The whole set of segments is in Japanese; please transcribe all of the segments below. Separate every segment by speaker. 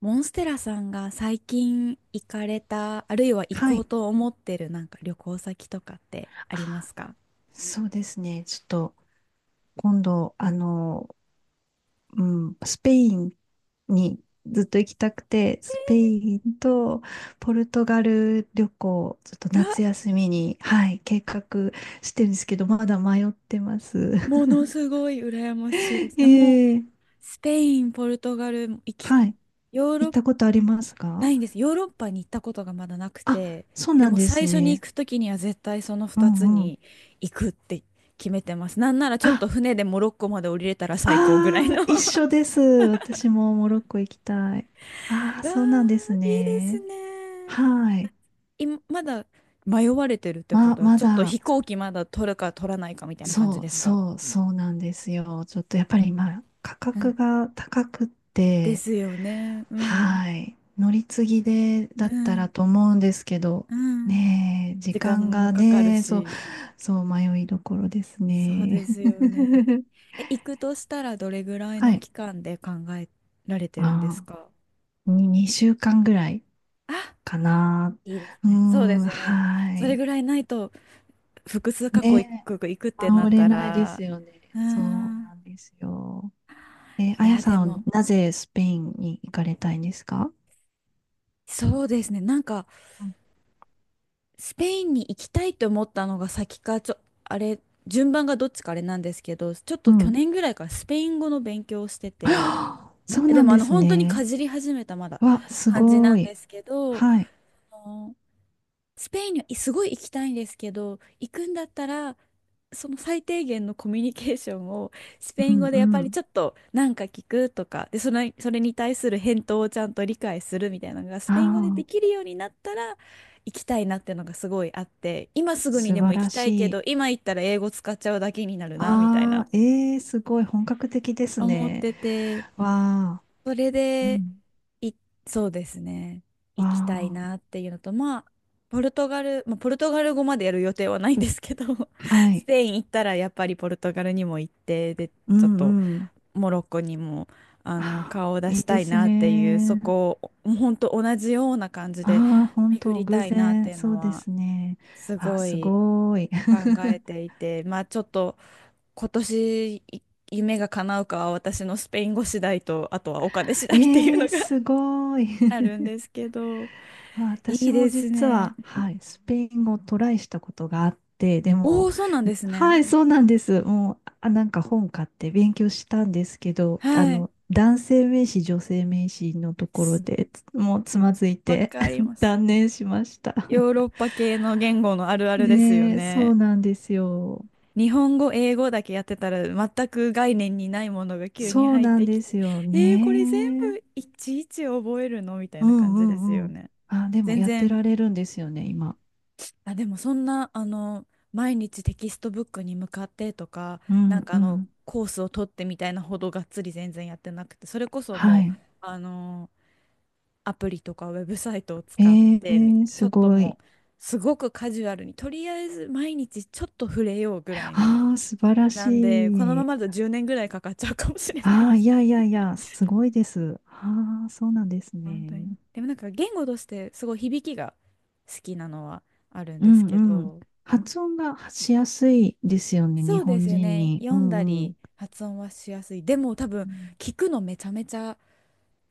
Speaker 1: モンステラさんが最近行かれた、あるいは行
Speaker 2: は
Speaker 1: こう
Speaker 2: い。
Speaker 1: と思ってるなんか旅行先とかってありま
Speaker 2: あ
Speaker 1: すか？
Speaker 2: そうですね。ちょっと、今度、うスペインにずっと行きたくて、スペインとポルトガル旅行、ちょっと
Speaker 1: う
Speaker 2: 夏
Speaker 1: わ、
Speaker 2: 休みに、はい、計画してるんですけど、まだ迷ってます。
Speaker 1: ものすごい羨ましいで す。えもう、
Speaker 2: ええ
Speaker 1: スペイン、ポルトガル行き、
Speaker 2: はい。
Speaker 1: ヨーロ
Speaker 2: 行っ
Speaker 1: ッパ、
Speaker 2: たことあります
Speaker 1: な
Speaker 2: か？
Speaker 1: いんです。ヨーロッパに行ったことがまだなく
Speaker 2: あ、
Speaker 1: て、
Speaker 2: そう
Speaker 1: で
Speaker 2: なん
Speaker 1: も
Speaker 2: です
Speaker 1: 最初に行
Speaker 2: ね。
Speaker 1: くときには絶対その
Speaker 2: う
Speaker 1: 2つ
Speaker 2: んうん。
Speaker 1: に行くって決めてます。なんならちょっ
Speaker 2: あ、
Speaker 1: と船でモロッコまで降りれたら最高ぐらい
Speaker 2: ああ、
Speaker 1: のう
Speaker 2: 一
Speaker 1: わ
Speaker 2: 緒です。私もモロッコ行きたい。ああ、そうなんです
Speaker 1: ー、いいです
Speaker 2: ね。
Speaker 1: ね。
Speaker 2: はい。
Speaker 1: い、まだ迷われてるってことは、
Speaker 2: ま
Speaker 1: ちょっと
Speaker 2: だ、
Speaker 1: 飛行機まだ取るか取らないかみたいな感じ
Speaker 2: そう
Speaker 1: ですか？
Speaker 2: そうそうなんですよ。ちょっとやっぱり今、価
Speaker 1: う
Speaker 2: 格
Speaker 1: ん
Speaker 2: が高くっ
Speaker 1: で
Speaker 2: て、
Speaker 1: すよね。うん。
Speaker 2: はい。乗り継ぎで
Speaker 1: う
Speaker 2: だったら
Speaker 1: ん。
Speaker 2: と思うんですけど、
Speaker 1: うん。
Speaker 2: ねえ、時
Speaker 1: 時間
Speaker 2: 間
Speaker 1: も
Speaker 2: が
Speaker 1: かかる
Speaker 2: ね、そう、
Speaker 1: し。
Speaker 2: そう迷いどころです
Speaker 1: そうで
Speaker 2: ね。
Speaker 1: すよね。え、行くとしたらどれぐらい
Speaker 2: は
Speaker 1: の
Speaker 2: い。
Speaker 1: 期間で考えられてるんです
Speaker 2: ま
Speaker 1: か？
Speaker 2: あー、に2週間ぐらい
Speaker 1: あ、
Speaker 2: かな。
Speaker 1: いいです
Speaker 2: うー
Speaker 1: ね。そうで
Speaker 2: ん、
Speaker 1: すよね。
Speaker 2: は
Speaker 1: それ
Speaker 2: い。
Speaker 1: ぐらいないと、複数過去行
Speaker 2: ねえ、
Speaker 1: く、行くってな
Speaker 2: 回
Speaker 1: っ
Speaker 2: れ
Speaker 1: た
Speaker 2: ないです
Speaker 1: ら、
Speaker 2: よね。
Speaker 1: うー
Speaker 2: そう
Speaker 1: ん。
Speaker 2: なんですよ。
Speaker 1: い
Speaker 2: あや
Speaker 1: や、で
Speaker 2: さん、
Speaker 1: も、
Speaker 2: なぜスペインに行かれたいんですか？
Speaker 1: そうですね。
Speaker 2: うん
Speaker 1: スペインに行きたいと思ったのが先か、ちょ、あれ、順番がどっちかあれなんですけど、ちょっ
Speaker 2: う
Speaker 1: と去
Speaker 2: ん。
Speaker 1: 年ぐらいからスペイン語の勉強をして て、
Speaker 2: はあそう
Speaker 1: で
Speaker 2: なん
Speaker 1: も
Speaker 2: です
Speaker 1: 本当にか
Speaker 2: ね。
Speaker 1: じり始めたまだ
Speaker 2: わ、す
Speaker 1: 感じ
Speaker 2: ご
Speaker 1: なんで
Speaker 2: い。
Speaker 1: すけど、
Speaker 2: はい。
Speaker 1: スペインにはすごい行きたいんですけど、行くんだったら、その最低限のコミュニケーションをスペ
Speaker 2: う
Speaker 1: イン
Speaker 2: ん
Speaker 1: 語で
Speaker 2: う
Speaker 1: やっぱり
Speaker 2: ん。
Speaker 1: ちょっとなんか聞くとか、で、それに対する返答をちゃんと理解するみたいなのがス
Speaker 2: あ
Speaker 1: ペイン語ででき
Speaker 2: あ、
Speaker 1: るようになったら行きたいなっていうのがすごいあって、今すぐに
Speaker 2: 素
Speaker 1: でも
Speaker 2: 晴
Speaker 1: 行き
Speaker 2: ら
Speaker 1: た
Speaker 2: し
Speaker 1: いけ
Speaker 2: い。
Speaker 1: ど、今行ったら英語使っちゃうだけになるな、みたい
Speaker 2: あ
Speaker 1: な
Speaker 2: あ、ええー、すごい本格的です
Speaker 1: 思っ
Speaker 2: ね。
Speaker 1: てて、
Speaker 2: わあ
Speaker 1: それ
Speaker 2: う
Speaker 1: で、
Speaker 2: ん
Speaker 1: い、そうですね。行
Speaker 2: わ
Speaker 1: きたいなっていうのと、まあ、ポルトガル語までやる予定はないんですけど、
Speaker 2: あ、は
Speaker 1: ス
Speaker 2: い。
Speaker 1: ペイン行ったらやっぱりポルトガルにも行って、で、
Speaker 2: う
Speaker 1: ちょっ
Speaker 2: ん
Speaker 1: と
Speaker 2: うん。
Speaker 1: モロッコにも、
Speaker 2: あ
Speaker 1: 顔
Speaker 2: あ
Speaker 1: を出
Speaker 2: いい
Speaker 1: し
Speaker 2: で
Speaker 1: たい
Speaker 2: す
Speaker 1: なっていう、そ
Speaker 2: ね。
Speaker 1: こを、もうほんと同じような感じで
Speaker 2: ああ、本
Speaker 1: 巡
Speaker 2: 当、
Speaker 1: り
Speaker 2: 偶
Speaker 1: たいなっ
Speaker 2: 然、
Speaker 1: ていう
Speaker 2: そ
Speaker 1: の
Speaker 2: うで
Speaker 1: は、
Speaker 2: すね。
Speaker 1: す
Speaker 2: ああ、
Speaker 1: ご
Speaker 2: す
Speaker 1: い
Speaker 2: ごい。
Speaker 1: 考え ていて、まあ、ちょっと今年い夢が叶うかは私のスペイン語次第と、あとはお金次第っていう
Speaker 2: ええ
Speaker 1: の
Speaker 2: ー、
Speaker 1: が
Speaker 2: すごい。
Speaker 1: あ るんですけど、
Speaker 2: まあ
Speaker 1: い
Speaker 2: 私
Speaker 1: い
Speaker 2: も
Speaker 1: です
Speaker 2: 実
Speaker 1: ね。
Speaker 2: は、はい、スペイン語をトライしたことがあって、で
Speaker 1: お
Speaker 2: も、
Speaker 1: お、そうなんですね。
Speaker 2: はい、そうなんです。もう、あ、なんか本買って勉強したんですけど、
Speaker 1: はい。
Speaker 2: 男性名詞、女性名詞のところ
Speaker 1: す
Speaker 2: でつもうつまずい
Speaker 1: わ
Speaker 2: て
Speaker 1: かりま す。
Speaker 2: 断念しました。
Speaker 1: ヨーロッパ系の言語のあるあるですよ
Speaker 2: ねえ、そう
Speaker 1: ね。
Speaker 2: なんですよ。
Speaker 1: 日本語、英語だけやってたら全く概念にないものが急に
Speaker 2: そう
Speaker 1: 入っ
Speaker 2: なん
Speaker 1: てき
Speaker 2: で
Speaker 1: て、
Speaker 2: すよ
Speaker 1: えー、これ全
Speaker 2: ね。
Speaker 1: 部いちいち覚えるのみたい
Speaker 2: う
Speaker 1: な感
Speaker 2: んう
Speaker 1: じです
Speaker 2: ん
Speaker 1: よ
Speaker 2: うん。
Speaker 1: ね。
Speaker 2: あ、でも
Speaker 1: 全
Speaker 2: やって
Speaker 1: 然
Speaker 2: られるんですよね、今。
Speaker 1: あ、でもそんな、あの、毎日テキストブックに向かってとか、
Speaker 2: うんうん。
Speaker 1: コースを取ってみたいなほどがっつり全然やってなくて、それこそ
Speaker 2: は
Speaker 1: もう、
Speaker 2: い。
Speaker 1: あの、アプリとかウェブサイトを
Speaker 2: え
Speaker 1: 使ってみ、ちょ
Speaker 2: す
Speaker 1: っと
Speaker 2: ご
Speaker 1: も
Speaker 2: い。
Speaker 1: う、すごくカジュアルに、とりあえず毎日ちょっと触れようぐらいの、
Speaker 2: ああ、素晴ら
Speaker 1: な
Speaker 2: し
Speaker 1: んで、このま
Speaker 2: い。
Speaker 1: まだと10年ぐらいかかっちゃうかもしれない
Speaker 2: あ
Speaker 1: で
Speaker 2: あ、い
Speaker 1: す。
Speaker 2: やいやいや、すごいです。ああ、そうなんです
Speaker 1: 本当に。
Speaker 2: ね。
Speaker 1: でもなんか言語としてすごい響きが好きなのはあるん
Speaker 2: う
Speaker 1: ですけ
Speaker 2: んうん。
Speaker 1: ど、
Speaker 2: 発音がしやすいですよね、
Speaker 1: そ
Speaker 2: 日
Speaker 1: うで
Speaker 2: 本
Speaker 1: すよ
Speaker 2: 人
Speaker 1: ね。
Speaker 2: に。
Speaker 1: 読
Speaker 2: う
Speaker 1: んだ
Speaker 2: んう
Speaker 1: り
Speaker 2: ん。
Speaker 1: 発音はしやすい。でも多分
Speaker 2: うん
Speaker 1: 聞くのめちゃめちゃ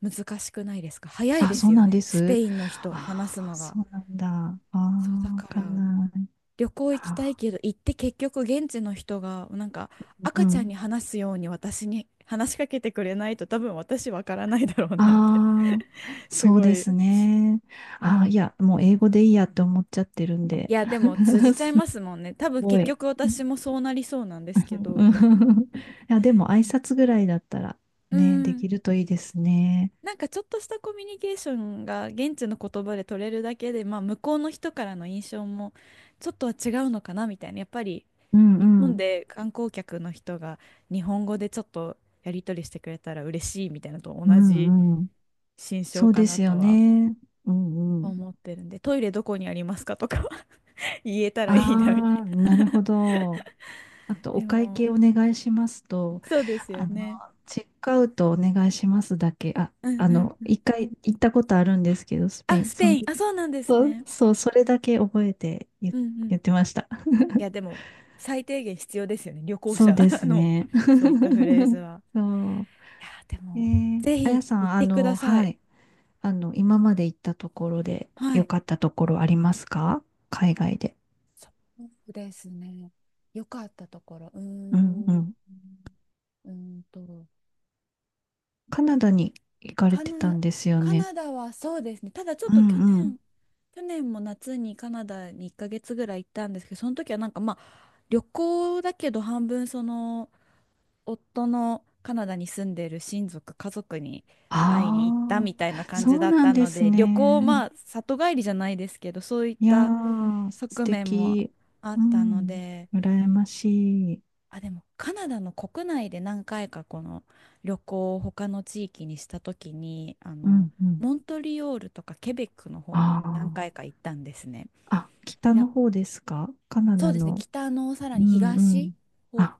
Speaker 1: 難しくないですか。早い
Speaker 2: あ、
Speaker 1: で
Speaker 2: そ
Speaker 1: す
Speaker 2: う
Speaker 1: よ
Speaker 2: なん
Speaker 1: ね。
Speaker 2: で
Speaker 1: スペ
Speaker 2: す。
Speaker 1: インの人話す
Speaker 2: ああ、
Speaker 1: のが。
Speaker 2: そうなんだ。ああ、
Speaker 1: そうだ
Speaker 2: わ
Speaker 1: か
Speaker 2: かん
Speaker 1: ら
Speaker 2: ない。
Speaker 1: 旅行行きたい
Speaker 2: あ
Speaker 1: けど行って結局現地の人がなんか
Speaker 2: ー、う
Speaker 1: 赤ちゃ
Speaker 2: ん。
Speaker 1: んに話すように私に 話しかけてくれないと多分私わからないだろうなって
Speaker 2: ああ、
Speaker 1: す
Speaker 2: そう
Speaker 1: ご
Speaker 2: で
Speaker 1: い
Speaker 2: すね。あ
Speaker 1: 思
Speaker 2: あ、
Speaker 1: っ
Speaker 2: い
Speaker 1: て。
Speaker 2: や、もう英語でいいやって思っちゃってるん
Speaker 1: い
Speaker 2: で。
Speaker 1: やでも通じちゃいますもんね。多
Speaker 2: す
Speaker 1: 分
Speaker 2: ご
Speaker 1: 結
Speaker 2: い。
Speaker 1: 局私もそうなりそうなんですけ
Speaker 2: う
Speaker 1: ど。
Speaker 2: ん いや、でも挨拶ぐらいだったら
Speaker 1: う
Speaker 2: ね、で
Speaker 1: ん、
Speaker 2: きるといいですね。
Speaker 1: なんかちょっとしたコミュニケーションが現地の言葉で取れるだけで、まあ、向こうの人からの印象もちょっとは違うのかなみたいな、やっぱり
Speaker 2: うん
Speaker 1: 日
Speaker 2: う
Speaker 1: 本
Speaker 2: ん。
Speaker 1: で観光客の人が日本語でちょっとやり取りしてくれたら嬉しいみたいなのと
Speaker 2: う
Speaker 1: 同じ
Speaker 2: んうん。
Speaker 1: 心象
Speaker 2: そう
Speaker 1: か
Speaker 2: で
Speaker 1: な
Speaker 2: すよ
Speaker 1: とは
Speaker 2: ね。うんうん。
Speaker 1: 思ってるんで、トイレどこにありますかとかは 言えたらいいなみた
Speaker 2: あ
Speaker 1: い
Speaker 2: あ、
Speaker 1: な。
Speaker 2: なるほど。あと、お
Speaker 1: で
Speaker 2: 会計
Speaker 1: も
Speaker 2: お願いしますと、
Speaker 1: そうです
Speaker 2: あ
Speaker 1: よ
Speaker 2: の、
Speaker 1: ね。
Speaker 2: チェックアウトお願いしますだけ、あ、
Speaker 1: うんうんうん。
Speaker 2: 一回行ったことあるんですけど、スペイ
Speaker 1: あ
Speaker 2: ン。
Speaker 1: スペイン、あ、そうなんです
Speaker 2: そう、
Speaker 1: ね。
Speaker 2: そうそれだけ覚えて
Speaker 1: うんうん。
Speaker 2: 言ってました。
Speaker 1: いや、でも、最低限必要ですよね。旅行
Speaker 2: そう
Speaker 1: 者
Speaker 2: で す
Speaker 1: の、
Speaker 2: ね。
Speaker 1: そういったフレーズ は。
Speaker 2: そう。
Speaker 1: いや、でも、ぜ
Speaker 2: あ
Speaker 1: ひ
Speaker 2: やさん、
Speaker 1: 行ってくださ
Speaker 2: は
Speaker 1: い。
Speaker 2: い。今まで行ったところで
Speaker 1: は
Speaker 2: 良
Speaker 1: い。
Speaker 2: かったところありますか？海外で。
Speaker 1: そうですね。良かったところ。うー
Speaker 2: うんう
Speaker 1: ん。う
Speaker 2: ん。
Speaker 1: ーんと、
Speaker 2: カナダに行かれ
Speaker 1: カ
Speaker 2: てた
Speaker 1: ナ、
Speaker 2: んですよ
Speaker 1: カ
Speaker 2: ね。
Speaker 1: ナダはそうですね。ただちょっ
Speaker 2: う
Speaker 1: と去
Speaker 2: んうん。
Speaker 1: 年、去年も夏にカナダに1ヶ月ぐらい行ったんですけど、その時はなんかまあ、旅行だけど半分その、夫のカナダに住んでる親族、家族に会いに行った
Speaker 2: あ
Speaker 1: みたいな
Speaker 2: あ、
Speaker 1: 感
Speaker 2: そ
Speaker 1: じ
Speaker 2: う
Speaker 1: だっ
Speaker 2: なん
Speaker 1: た
Speaker 2: で
Speaker 1: の
Speaker 2: す
Speaker 1: で、旅行、
Speaker 2: ね。
Speaker 1: まあ、里帰りじゃないですけど、そういっ
Speaker 2: いや
Speaker 1: た
Speaker 2: ー、素
Speaker 1: 側面も
Speaker 2: 敵。
Speaker 1: あっ
Speaker 2: う
Speaker 1: たの
Speaker 2: ん。
Speaker 1: で、
Speaker 2: 羨ましい。
Speaker 1: あ、でもカナダの国内で何回かこの旅行を他の地域にした時に、
Speaker 2: うんうん。
Speaker 1: モントリオールとかケベックの方に
Speaker 2: あ
Speaker 1: 何回か行ったんですね。
Speaker 2: あ。あ、北
Speaker 1: いや、
Speaker 2: の方ですかカナ
Speaker 1: そう
Speaker 2: ダ
Speaker 1: ですね、
Speaker 2: の？
Speaker 1: 北のさら
Speaker 2: う
Speaker 1: に
Speaker 2: んう
Speaker 1: 東、
Speaker 2: ん。あ、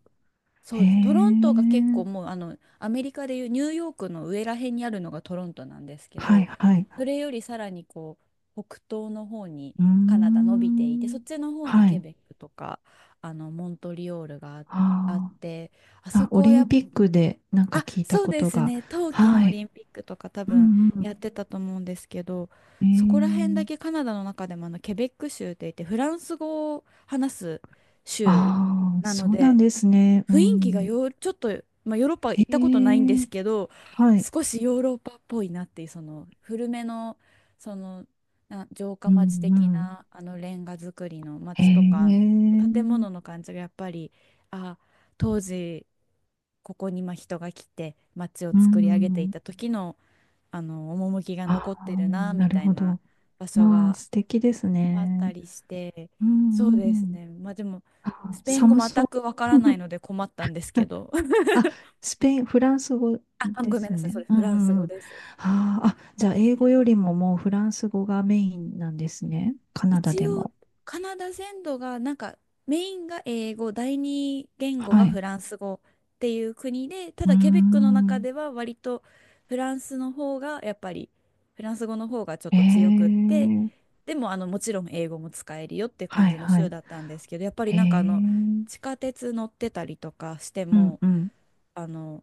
Speaker 1: そ
Speaker 2: へ
Speaker 1: うです。トロントが結
Speaker 2: え。
Speaker 1: 構もうあのアメリカでいうニューヨークの上ら辺にあるのがトロントなんですけ
Speaker 2: はい
Speaker 1: ど、
Speaker 2: はい。
Speaker 1: それよりさらにこう北東の方に
Speaker 2: うー
Speaker 1: カナダ伸びていて、そっ
Speaker 2: ん。
Speaker 1: ちの方に
Speaker 2: は
Speaker 1: ケ
Speaker 2: い。
Speaker 1: ベックとかあのモントリオールがああっ
Speaker 2: あ
Speaker 1: て、あ
Speaker 2: ー
Speaker 1: そ
Speaker 2: あ、オ
Speaker 1: こは
Speaker 2: リ
Speaker 1: や
Speaker 2: ン
Speaker 1: っ
Speaker 2: ピックでなんか
Speaker 1: あ、
Speaker 2: 聞いた
Speaker 1: そう
Speaker 2: こ
Speaker 1: で
Speaker 2: と
Speaker 1: す
Speaker 2: が。
Speaker 1: ね。冬季の
Speaker 2: は
Speaker 1: オ
Speaker 2: い。
Speaker 1: リンピックとか多
Speaker 2: う
Speaker 1: 分
Speaker 2: んう
Speaker 1: やっ
Speaker 2: ん。
Speaker 1: てたと思うんですけど、
Speaker 2: え
Speaker 1: そこら辺だ
Speaker 2: え。
Speaker 1: けカナダの中でもあのケベック州って言ってフランス語を話す州
Speaker 2: ああ、
Speaker 1: なの
Speaker 2: そうなん
Speaker 1: で。
Speaker 2: ですね。う
Speaker 1: 雰囲気が
Speaker 2: ん。
Speaker 1: よ、ちょっと、まあ、ヨーロッパ行
Speaker 2: え
Speaker 1: ったことないんで
Speaker 2: え。
Speaker 1: すけど、
Speaker 2: はい。
Speaker 1: 少しヨーロッパっぽいなっていう、その古めの、その、な城
Speaker 2: う
Speaker 1: 下町
Speaker 2: んう
Speaker 1: 的
Speaker 2: ん。
Speaker 1: なあのレンガ造りの
Speaker 2: え
Speaker 1: 町とか、建物の
Speaker 2: え。
Speaker 1: 感じがやっぱり、あ、当時、ここにまあ人が来て町を
Speaker 2: う
Speaker 1: 作り上げてい
Speaker 2: ん。
Speaker 1: た時の、あの趣が
Speaker 2: あ
Speaker 1: 残って
Speaker 2: あ、
Speaker 1: るなみ
Speaker 2: なる
Speaker 1: たい
Speaker 2: ほ
Speaker 1: な
Speaker 2: ど。
Speaker 1: 場所
Speaker 2: まあ、
Speaker 1: が
Speaker 2: 素敵です
Speaker 1: あった
Speaker 2: ね。
Speaker 1: りして、
Speaker 2: う
Speaker 1: そう
Speaker 2: んう
Speaker 1: です
Speaker 2: ん。
Speaker 1: ね。まあでも、
Speaker 2: あー、
Speaker 1: スペイン語
Speaker 2: 寒そ
Speaker 1: 全
Speaker 2: う。
Speaker 1: くわからないの で困ったんですけど。
Speaker 2: あ、スペイン、フランス語
Speaker 1: あ、
Speaker 2: で
Speaker 1: ごめん
Speaker 2: す
Speaker 1: な
Speaker 2: よ
Speaker 1: さい、
Speaker 2: ね。
Speaker 1: それ
Speaker 2: うん
Speaker 1: フランス
Speaker 2: うんう
Speaker 1: 語
Speaker 2: ん。
Speaker 1: です。
Speaker 2: あーあ、
Speaker 1: な
Speaker 2: じ
Speaker 1: ん
Speaker 2: ゃあ、
Speaker 1: です
Speaker 2: 英語
Speaker 1: け
Speaker 2: よ
Speaker 1: ど、
Speaker 2: りももうフランス語がメインなんですね。カナダ
Speaker 1: 一
Speaker 2: で
Speaker 1: 応
Speaker 2: も。
Speaker 1: カナダ全土がなんかメインが英語、第二言語が
Speaker 2: は
Speaker 1: フ
Speaker 2: い。
Speaker 1: ランス語っていう国で、た
Speaker 2: うー
Speaker 1: だケベックの中
Speaker 2: ん。
Speaker 1: では割とフランスの方がやっぱり、フランス語の方がちょっ
Speaker 2: え
Speaker 1: と強くって、
Speaker 2: え
Speaker 1: でもあのもちろん英語も使えるよって感
Speaker 2: はい
Speaker 1: じの
Speaker 2: は
Speaker 1: 州
Speaker 2: い。
Speaker 1: だったんですけど、やっぱり
Speaker 2: え
Speaker 1: なんかあの
Speaker 2: え
Speaker 1: 地下鉄乗ってたりとかして
Speaker 2: うん
Speaker 1: も
Speaker 2: うん
Speaker 1: あの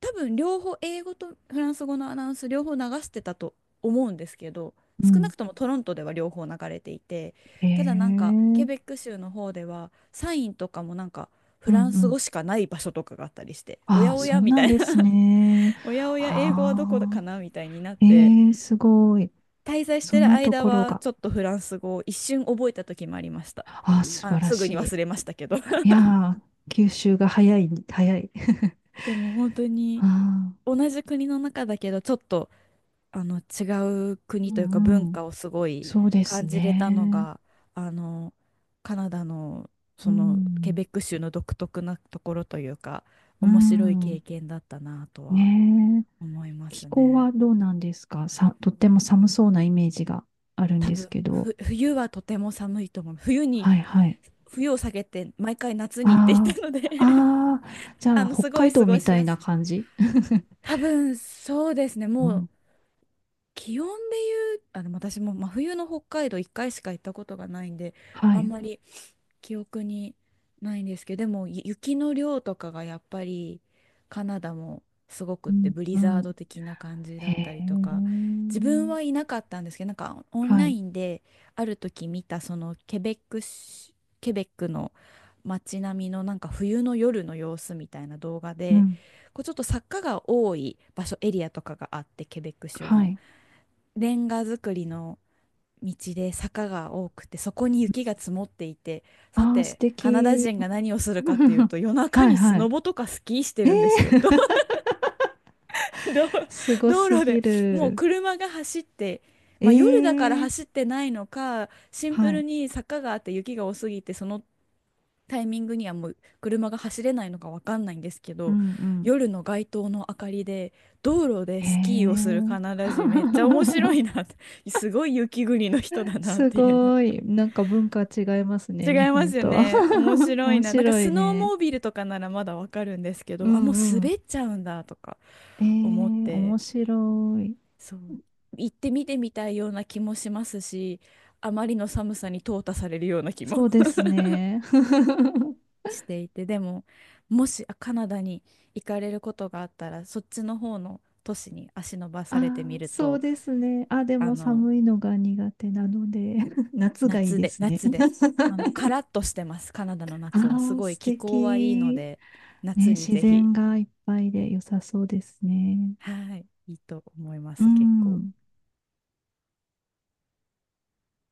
Speaker 1: 多分両方英語とフランス語のアナウンス両方流してたと思うんですけど、
Speaker 2: う
Speaker 1: 少な
Speaker 2: ん。
Speaker 1: くともトロントでは両方流れていて、
Speaker 2: え
Speaker 1: ただなんかケ
Speaker 2: え
Speaker 1: ベック州の方ではサインとかもなんか
Speaker 2: う
Speaker 1: フ
Speaker 2: ん
Speaker 1: ラン
Speaker 2: う
Speaker 1: ス
Speaker 2: ん。
Speaker 1: 語しかない場所とかがあったりして、お
Speaker 2: あ
Speaker 1: や
Speaker 2: あ、
Speaker 1: お
Speaker 2: そ
Speaker 1: や
Speaker 2: う
Speaker 1: み
Speaker 2: な
Speaker 1: た
Speaker 2: ん
Speaker 1: い
Speaker 2: で
Speaker 1: な
Speaker 2: すね。
Speaker 1: おやおや英語はどこ
Speaker 2: あ
Speaker 1: か
Speaker 2: あ、
Speaker 1: なみたいになって、
Speaker 2: ええすごい。
Speaker 1: 滞在し
Speaker 2: そ
Speaker 1: て
Speaker 2: ん
Speaker 1: る
Speaker 2: なと
Speaker 1: 間
Speaker 2: ころ
Speaker 1: は
Speaker 2: が。
Speaker 1: ちょっとフランス語を一瞬覚えた時もありました。
Speaker 2: ああ、素
Speaker 1: あの
Speaker 2: 晴ら
Speaker 1: すぐ
Speaker 2: し
Speaker 1: に忘れましたけど
Speaker 2: い。いやー、吸収が早い、早い。
Speaker 1: でも本当
Speaker 2: あ
Speaker 1: に
Speaker 2: あ、
Speaker 1: 同じ国の中だけどちょっとあの違う
Speaker 2: う
Speaker 1: 国というか文
Speaker 2: んうん。
Speaker 1: 化をすごい
Speaker 2: そうです
Speaker 1: 感じれたの
Speaker 2: ね。
Speaker 1: があのカナダのそ
Speaker 2: う
Speaker 1: のケ
Speaker 2: ん。
Speaker 1: ベック州の独特なところというか
Speaker 2: う
Speaker 1: 面白い経
Speaker 2: ん。
Speaker 1: 験だったなとは
Speaker 2: ねえ。
Speaker 1: 思いま
Speaker 2: 気
Speaker 1: す
Speaker 2: 候
Speaker 1: ね。
Speaker 2: はどうなんですかさ、とっても寒そうなイメージがあるん
Speaker 1: 多
Speaker 2: です
Speaker 1: 分
Speaker 2: けど。
Speaker 1: 冬はとても寒いと思う。
Speaker 2: はいはい。
Speaker 1: 冬を避けて毎回夏に行っていた
Speaker 2: あ
Speaker 1: ので
Speaker 2: あ、ああ、じ ゃ
Speaker 1: あ
Speaker 2: あ、
Speaker 1: の
Speaker 2: 北
Speaker 1: すごい
Speaker 2: 海
Speaker 1: 過
Speaker 2: 道
Speaker 1: ご
Speaker 2: み
Speaker 1: し
Speaker 2: たい
Speaker 1: や
Speaker 2: な
Speaker 1: すい。
Speaker 2: 感じ。
Speaker 1: 多分そうですね。
Speaker 2: う
Speaker 1: もう
Speaker 2: ん。
Speaker 1: 気温で言う、あ、でも私も真冬の北海道1回しか行ったことがないんで、
Speaker 2: は
Speaker 1: あん
Speaker 2: い。
Speaker 1: まり記憶にないんですけど、でも雪の量とかがやっぱりカナダもすごくっ
Speaker 2: う
Speaker 1: て
Speaker 2: ん、
Speaker 1: ブリ
Speaker 2: う
Speaker 1: ザー
Speaker 2: ん。
Speaker 1: ド的な感じ
Speaker 2: へ
Speaker 1: だった
Speaker 2: え。
Speaker 1: りとか、自分はいなかったんですけど、なんかオン
Speaker 2: は
Speaker 1: ラ
Speaker 2: い。
Speaker 1: インである時見た、そのケベックの街並みのなんか冬の夜の様子みたいな動画
Speaker 2: う
Speaker 1: で、
Speaker 2: ん。
Speaker 1: こうちょっと坂が多い場所、エリアとかがあって、ケベック州
Speaker 2: は
Speaker 1: の。
Speaker 2: い。
Speaker 1: レンガ造りの道で坂が多くて、そこに雪が積もっていて、さ
Speaker 2: ああ、素
Speaker 1: て、カナダ
Speaker 2: 敵。
Speaker 1: 人が何をするかっていう と、夜中
Speaker 2: はい
Speaker 1: にス
Speaker 2: は
Speaker 1: ノ
Speaker 2: い。
Speaker 1: ボとかスキーして
Speaker 2: ええ
Speaker 1: るんですよ。道 道
Speaker 2: すご
Speaker 1: 道
Speaker 2: す
Speaker 1: 路で、
Speaker 2: ぎ
Speaker 1: もう
Speaker 2: る。
Speaker 1: 車が走って、まあ夜だから
Speaker 2: え
Speaker 1: 走っ
Speaker 2: え
Speaker 1: てないのか、シンプ
Speaker 2: は
Speaker 1: ル
Speaker 2: い。
Speaker 1: に坂があって雪が多すぎて、そのタイミングにはもう車が走れないのかわかんないんですけ
Speaker 2: う
Speaker 1: ど、
Speaker 2: んうん。
Speaker 1: 夜の街灯の明かりで道路で
Speaker 2: へえ。
Speaker 1: スキーをするカナダ人めっちゃ面白 いなって、すごい雪国の人だなっ
Speaker 2: す
Speaker 1: ていうの、
Speaker 2: ごい。なんか文化違いますね、
Speaker 1: 違
Speaker 2: 日
Speaker 1: いま
Speaker 2: 本
Speaker 1: すよ
Speaker 2: とは。
Speaker 1: ね、面 白い
Speaker 2: 面
Speaker 1: な。なんか
Speaker 2: 白
Speaker 1: ス
Speaker 2: い
Speaker 1: ノー
Speaker 2: ね。
Speaker 1: モービルとかならまだわかるんですけ
Speaker 2: う
Speaker 1: ど、あもう
Speaker 2: んう
Speaker 1: 滑
Speaker 2: ん。
Speaker 1: っちゃうんだとか
Speaker 2: え
Speaker 1: 思っ
Speaker 2: え、
Speaker 1: て、
Speaker 2: 面白い。
Speaker 1: そう、行ってみてみたいような気もしますし、あまりの寒さに淘汰されるような気も
Speaker 2: そうですね。
Speaker 1: していて、でももしあカナダに行かれることがあったら、そっちの方の都市に足伸ば
Speaker 2: あ
Speaker 1: されてみ
Speaker 2: ー
Speaker 1: る
Speaker 2: そう
Speaker 1: と。
Speaker 2: ですね。あ、で
Speaker 1: あ
Speaker 2: も
Speaker 1: の
Speaker 2: 寒いのが苦手なので、夏がいいですね。
Speaker 1: 夏で、あのカラッとしてます、カナダの 夏はす
Speaker 2: ああ、
Speaker 1: ごい
Speaker 2: 素
Speaker 1: 気候はいいの
Speaker 2: 敵。
Speaker 1: で、
Speaker 2: ね、
Speaker 1: 夏に
Speaker 2: 自
Speaker 1: ぜひ。
Speaker 2: 然がいっぱいで良さそうですね。
Speaker 1: はい、いいと思いま
Speaker 2: う
Speaker 1: す結構。
Speaker 2: ん。